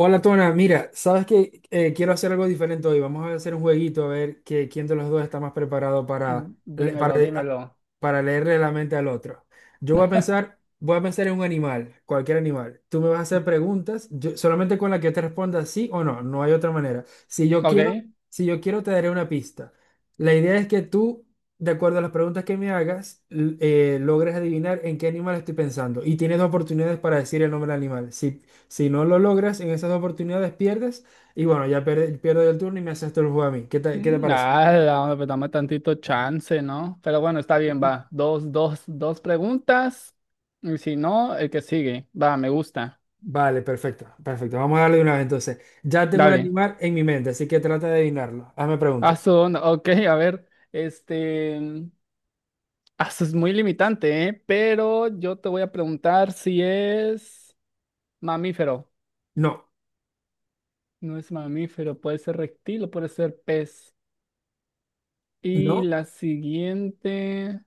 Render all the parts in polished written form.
Hola Tona, mira, sabes que quiero hacer algo diferente hoy. Vamos a hacer un jueguito a ver quién de los dos está más preparado para, para, Dímelo, dímelo. para leerle la mente al otro. Yo voy a pensar en un animal, cualquier animal. Tú me vas a hacer preguntas, solamente con la que te responda sí o no, no hay otra manera. Si yo Ok. quiero, si yo quiero te daré una pista. La idea es que tú, de acuerdo a las preguntas que me hagas, logres adivinar en qué animal estoy pensando y tienes dos oportunidades para decir el nombre del animal. Si si no lo logras, en esas oportunidades pierdes. Y bueno, ya pierdo yo el turno y me haces tú el juego a mí. ¿Qué te parece? Nada, hombre, pues dame tantito chance, ¿no? Pero bueno, está bien, va. Dos preguntas. Y si no, el que sigue. Va, me gusta. Vale, perfecto, perfecto. Vamos a darle de una vez entonces. Ya tengo el Dale. animal en mi mente, así que trata de adivinarlo. Hazme Ah, preguntas. su Ok, a ver. Es muy limitante, ¿eh? Pero yo te voy a preguntar si es mamífero. No, No es mamífero, puede ser reptil o puede ser pez. Y no, la siguiente.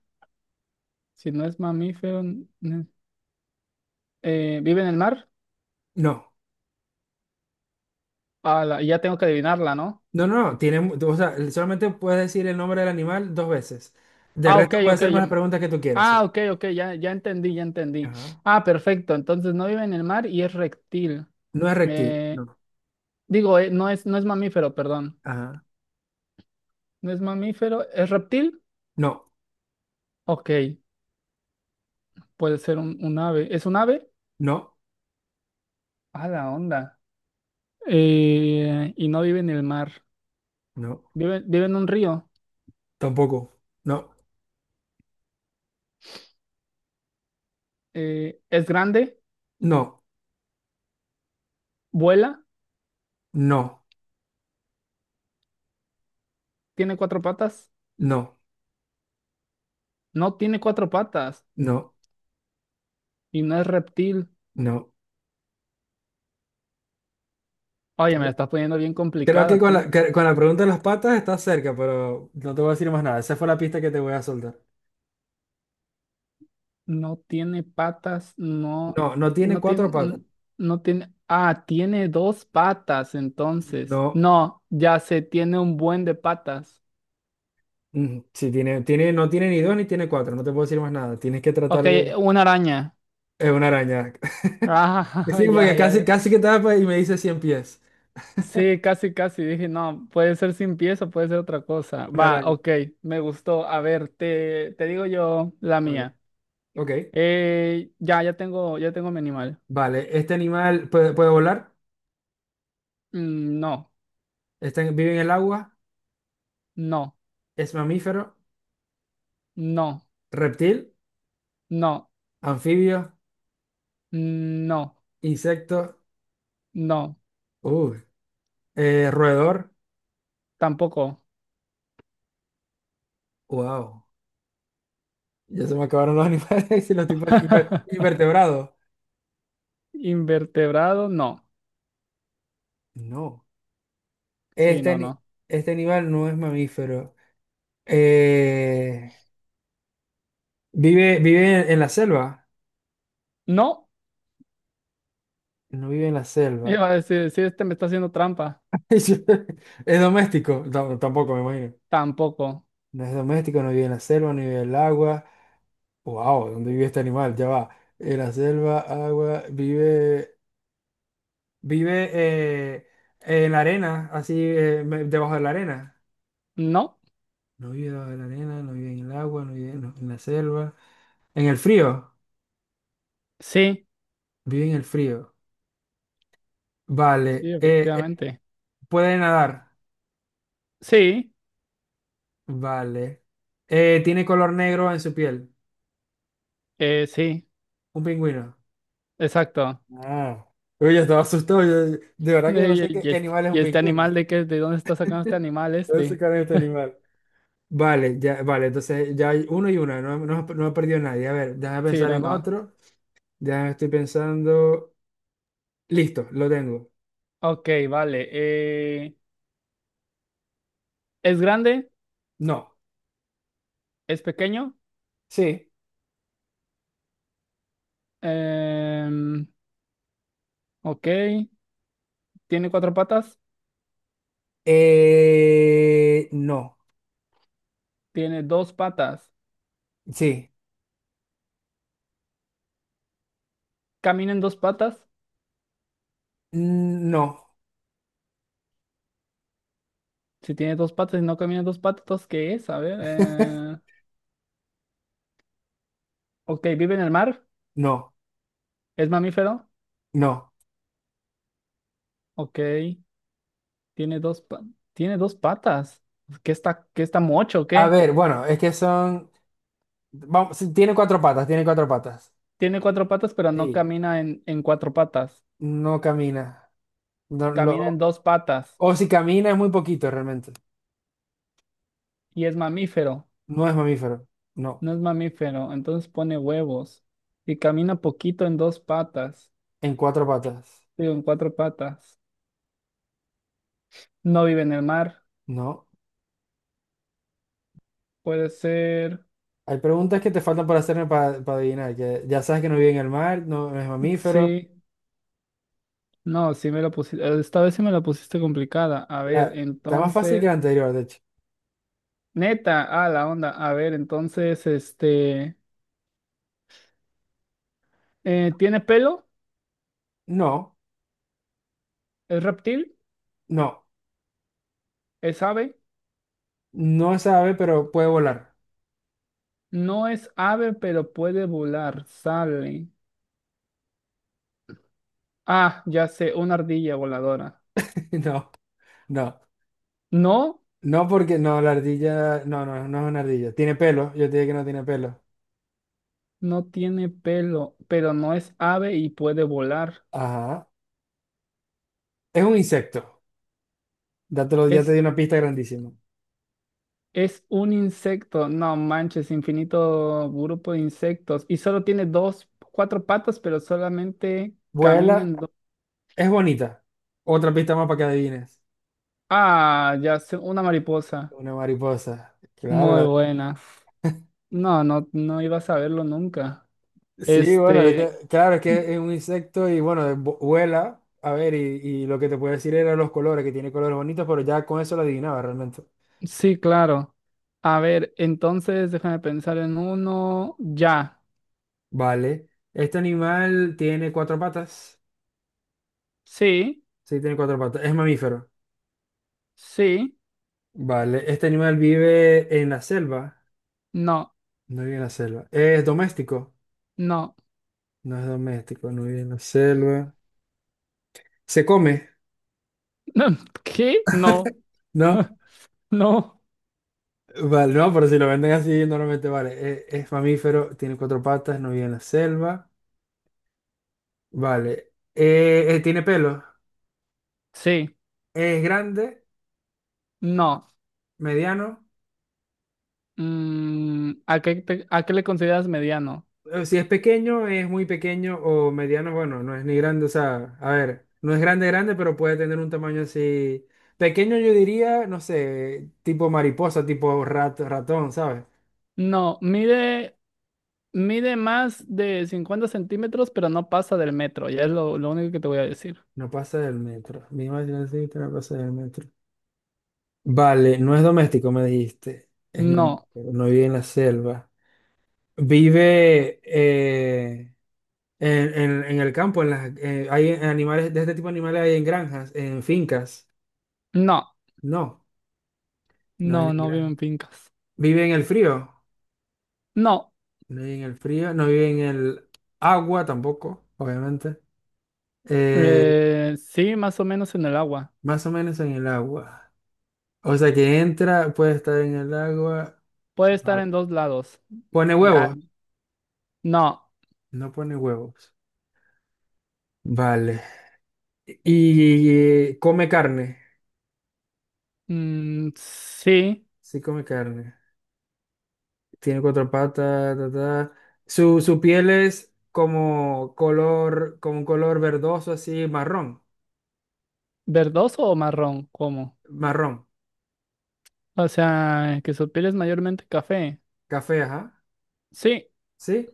Si no es mamífero. ¿Vive en el mar? no. Ah, la- ya tengo que adivinarla, ¿no? No, no, no. Tiene, o sea, solamente puedes decir el nombre del animal dos veces. De Ah, ok, resto, puedes ok. hacerme ya- las preguntas que tú quieras, sí. ok, ok, ya entendí. Ajá. Ah, perfecto. Entonces no vive en el mar y es reptil. No es reptil. Eh, No. No no es mamífero, perdón. Ajá. No es mamífero, ¿es reptil? No, Ok, puede ser un ave. ¿Es un ave? no, Ah, la onda. Y no vive en el mar. no. Vive en un río. Tampoco. No, ¿Es grande? no, ¿Vuela? no, ¿Tiene cuatro patas? no, No tiene cuatro patas no, no. y no es reptil. No. Oye, me la estás poniendo bien Creo que complicada, con tú. Con la pregunta de las patas estás cerca, pero no te voy a decir más nada. Esa fue la pista que te voy a soltar. No tiene patas, no, No, no tiene no cuatro patas. tiene, no tiene, ah, tiene dos patas, entonces. No, No, ya sé, tiene un buen de patas. Sí tiene, no tiene ni dos ni tiene cuatro. No te puedo decir más nada. Tienes que Ok, tratar de... una araña. Es una araña. Ah, Sí, ya, porque ya, casi, ya. casi que tapa y me dice cien pies. Sí, casi, casi. Dije, no, puede ser sin pies o puede ser otra cosa. Una Va, araña. ok, me gustó. A ver, te digo yo la Vale. mía. Ok. Ya tengo mi animal. Vale. Este animal puede volar. No, Vive en el agua. no, Es mamífero. no. Reptil. No. Anfibio. No, Insecto. no, Uh, roedor. tampoco. Wow. Ya se me acabaron los animales y los tipos de invertebrados. Invertebrado, no. No. Sí, Este, no, ani- no. este animal no es mamífero. Eh, vive en la selva. No, No vive en la selva. iba a decir, sí, este me está haciendo trampa. Es doméstico. No, tampoco me imagino. Tampoco. No es doméstico, no vive en la selva, no vive en el agua. Wow, ¿dónde vive este animal? Ya va. En la selva, agua, vive, vive en la arena, así debajo de la arena. No, No vive debajo de la arena, no vive en el agua, no vive en la selva. En el frío, sí, vive en el frío. sí, Vale. Efectivamente. puede nadar. Sí, Vale. Tiene color negro en su piel. Sí, Un pingüino. exacto. Ah. Uy, yo estaba asustado. De verdad que yo no Eh, sé Y, y qué este, animal es y un este pingüino. animal de qué, de dónde está sacando este animal No sé este? qué es este animal. Vale, ya, vale. Entonces ya hay uno y una. No, no, no ha perdido nadie. A ver, déjame Sí, pensar no, en no. otro. Ya estoy pensando. Listo, lo tengo. Ok, vale. ¿Es grande? No. ¿Es pequeño? Sí. Em, ok, ¿tiene cuatro patas? No. Tiene dos patas. Sí, Camina en dos patas. No, Si tiene dos patas y no camina en dos patas, ¿qué es? A ver. Ok, vive en el mar. no, ¿Es mamífero? no. Ok. Tiene dos, pa- Tiene dos patas. ¿Qué está mocho? O A ¿qué? ver, bueno, es que son... Vamos, sí, tiene cuatro patas, tiene cuatro patas. Tiene cuatro patas, pero no Sí, camina en cuatro patas. no camina. No, Camina en lo- dos patas. o si camina es muy poquito realmente. Y es mamífero. No es mamífero, no. No es mamífero. Entonces pone huevos. Y camina poquito en dos patas. En cuatro patas, Digo, en cuatro patas. No vive en el mar. no. Puede ser. Hay preguntas que te faltan por hacerme para adivinar, que ya sabes que no vive en el mar, no, no es mamífero. Sí. No, sí me la pusiste, esta vez sí me la pusiste complicada. A ver, Está más fácil que entonces, la anterior, de hecho. neta, ah, la onda. A ver, entonces, ¿tiene pelo? No, ¿Es reptil? no, ¿Es ave? no es ave, pero puede volar. No es ave, pero puede volar, sale. Ah, ya sé, una ardilla voladora. No, no. No, No, porque no, la ardilla, no es una ardilla. Tiene pelo, yo te dije que no tiene pelo. no tiene pelo, pero no es ave y puede volar. Ajá. Es un insecto. Ya te di Es una pista grandísima. Es un insecto, no manches, infinito grupo de insectos. Y solo tiene dos, cuatro patas, pero solamente camina Vuela, en dos. es bonita. Otra pista más para que adivines. Ah, ya sé, una mariposa. Una mariposa. Muy Claro, buena. No, no, no iba a saberlo nunca. sí, bueno, es que, Este, claro, es que es un insecto y bueno, vuela. A ver, y lo que te puedo decir era los colores, que tiene colores bonitos, pero ya con eso lo adivinaba realmente. sí, claro. A ver, entonces déjame pensar en uno. Ya. Vale. Este animal tiene cuatro patas. Sí, Sí, tiene cuatro patas. Es mamífero. sí, Vale, este animal vive en la selva. no, No vive en la selva. ¿Es doméstico? no. No es doméstico, no vive en la selva. ¿Se come? ¿Qué? No, ¿No? no, Vale, no, pero si lo venden así, normalmente vale. Es, mamífero, tiene cuatro patas, no vive en la selva. Vale. ¿Tiene pelo? sí, ¿Es grande? no. ¿Mediano? ¿A qué le consideras mediano? Si es pequeño, es muy pequeño o mediano, bueno, no es ni grande, o sea, a ver, no es grande, grande, pero puede tener un tamaño así. Pequeño yo diría, no sé, tipo mariposa, tipo ratón, ¿sabes? No, mide más de 50 centímetros, pero no pasa del metro. Ya es lo único que te voy a decir. No pasa del metro. Mi imaginación dice que no pasa del metro. Vale, no es doméstico, me dijiste. Es No, mamífero, no vive en la selva. Vive en, en el campo, en hay animales, de este tipo de animales hay en granjas, en fincas. no, No, no hay ni no vive en granjas. fincas. Vive en el frío. No, No vive en el frío. No vive en el agua tampoco, obviamente. Eh, sí, más o menos en el agua. más o menos en el agua. O sea que entra, puede estar en el agua. Puede estar Vale. en dos lados. Pone Ya, huevos. no, No pone huevos. Vale. Y, come carne. Sí, Sí, come carne. Tiene cuatro patas. Ta, ta. Su piel es como color, como un color verdoso, así marrón. verdoso o marrón, ¿cómo? Marrón. O sea, que su piel es mayormente café. Café, ajá. Sí, ¿Sí?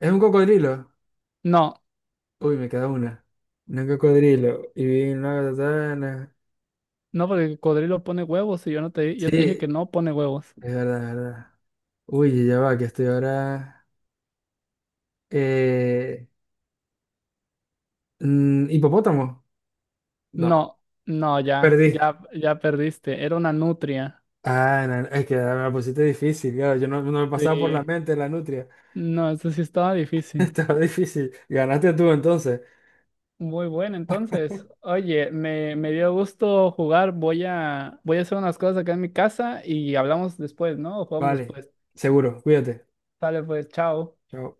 Es un cocodrilo. no. Uy, me queda una. Un cocodrilo. Y vi una katana. No, porque el cocodrilo pone huevos y yo no te, di, yo te dije que Sí, no pone huevos. es verdad, es verdad. Uy, ya va, que estoy ahora. Eh, hipopótamo. No, No, no, perdí. Ya perdiste. Era una nutria. Ah, no, no, es que me la pusiste difícil, claro. Yo no, no me pasaba por la Sí. mente la nutria. No, eso sí estaba difícil. Estaba difícil. Ganaste tú entonces. Muy bueno, entonces. Oye, me dio gusto jugar. Voy a hacer unas cosas acá en mi casa y hablamos después, ¿no? O jugamos Vale, después. seguro. Cuídate. Sale pues, chao. Chao.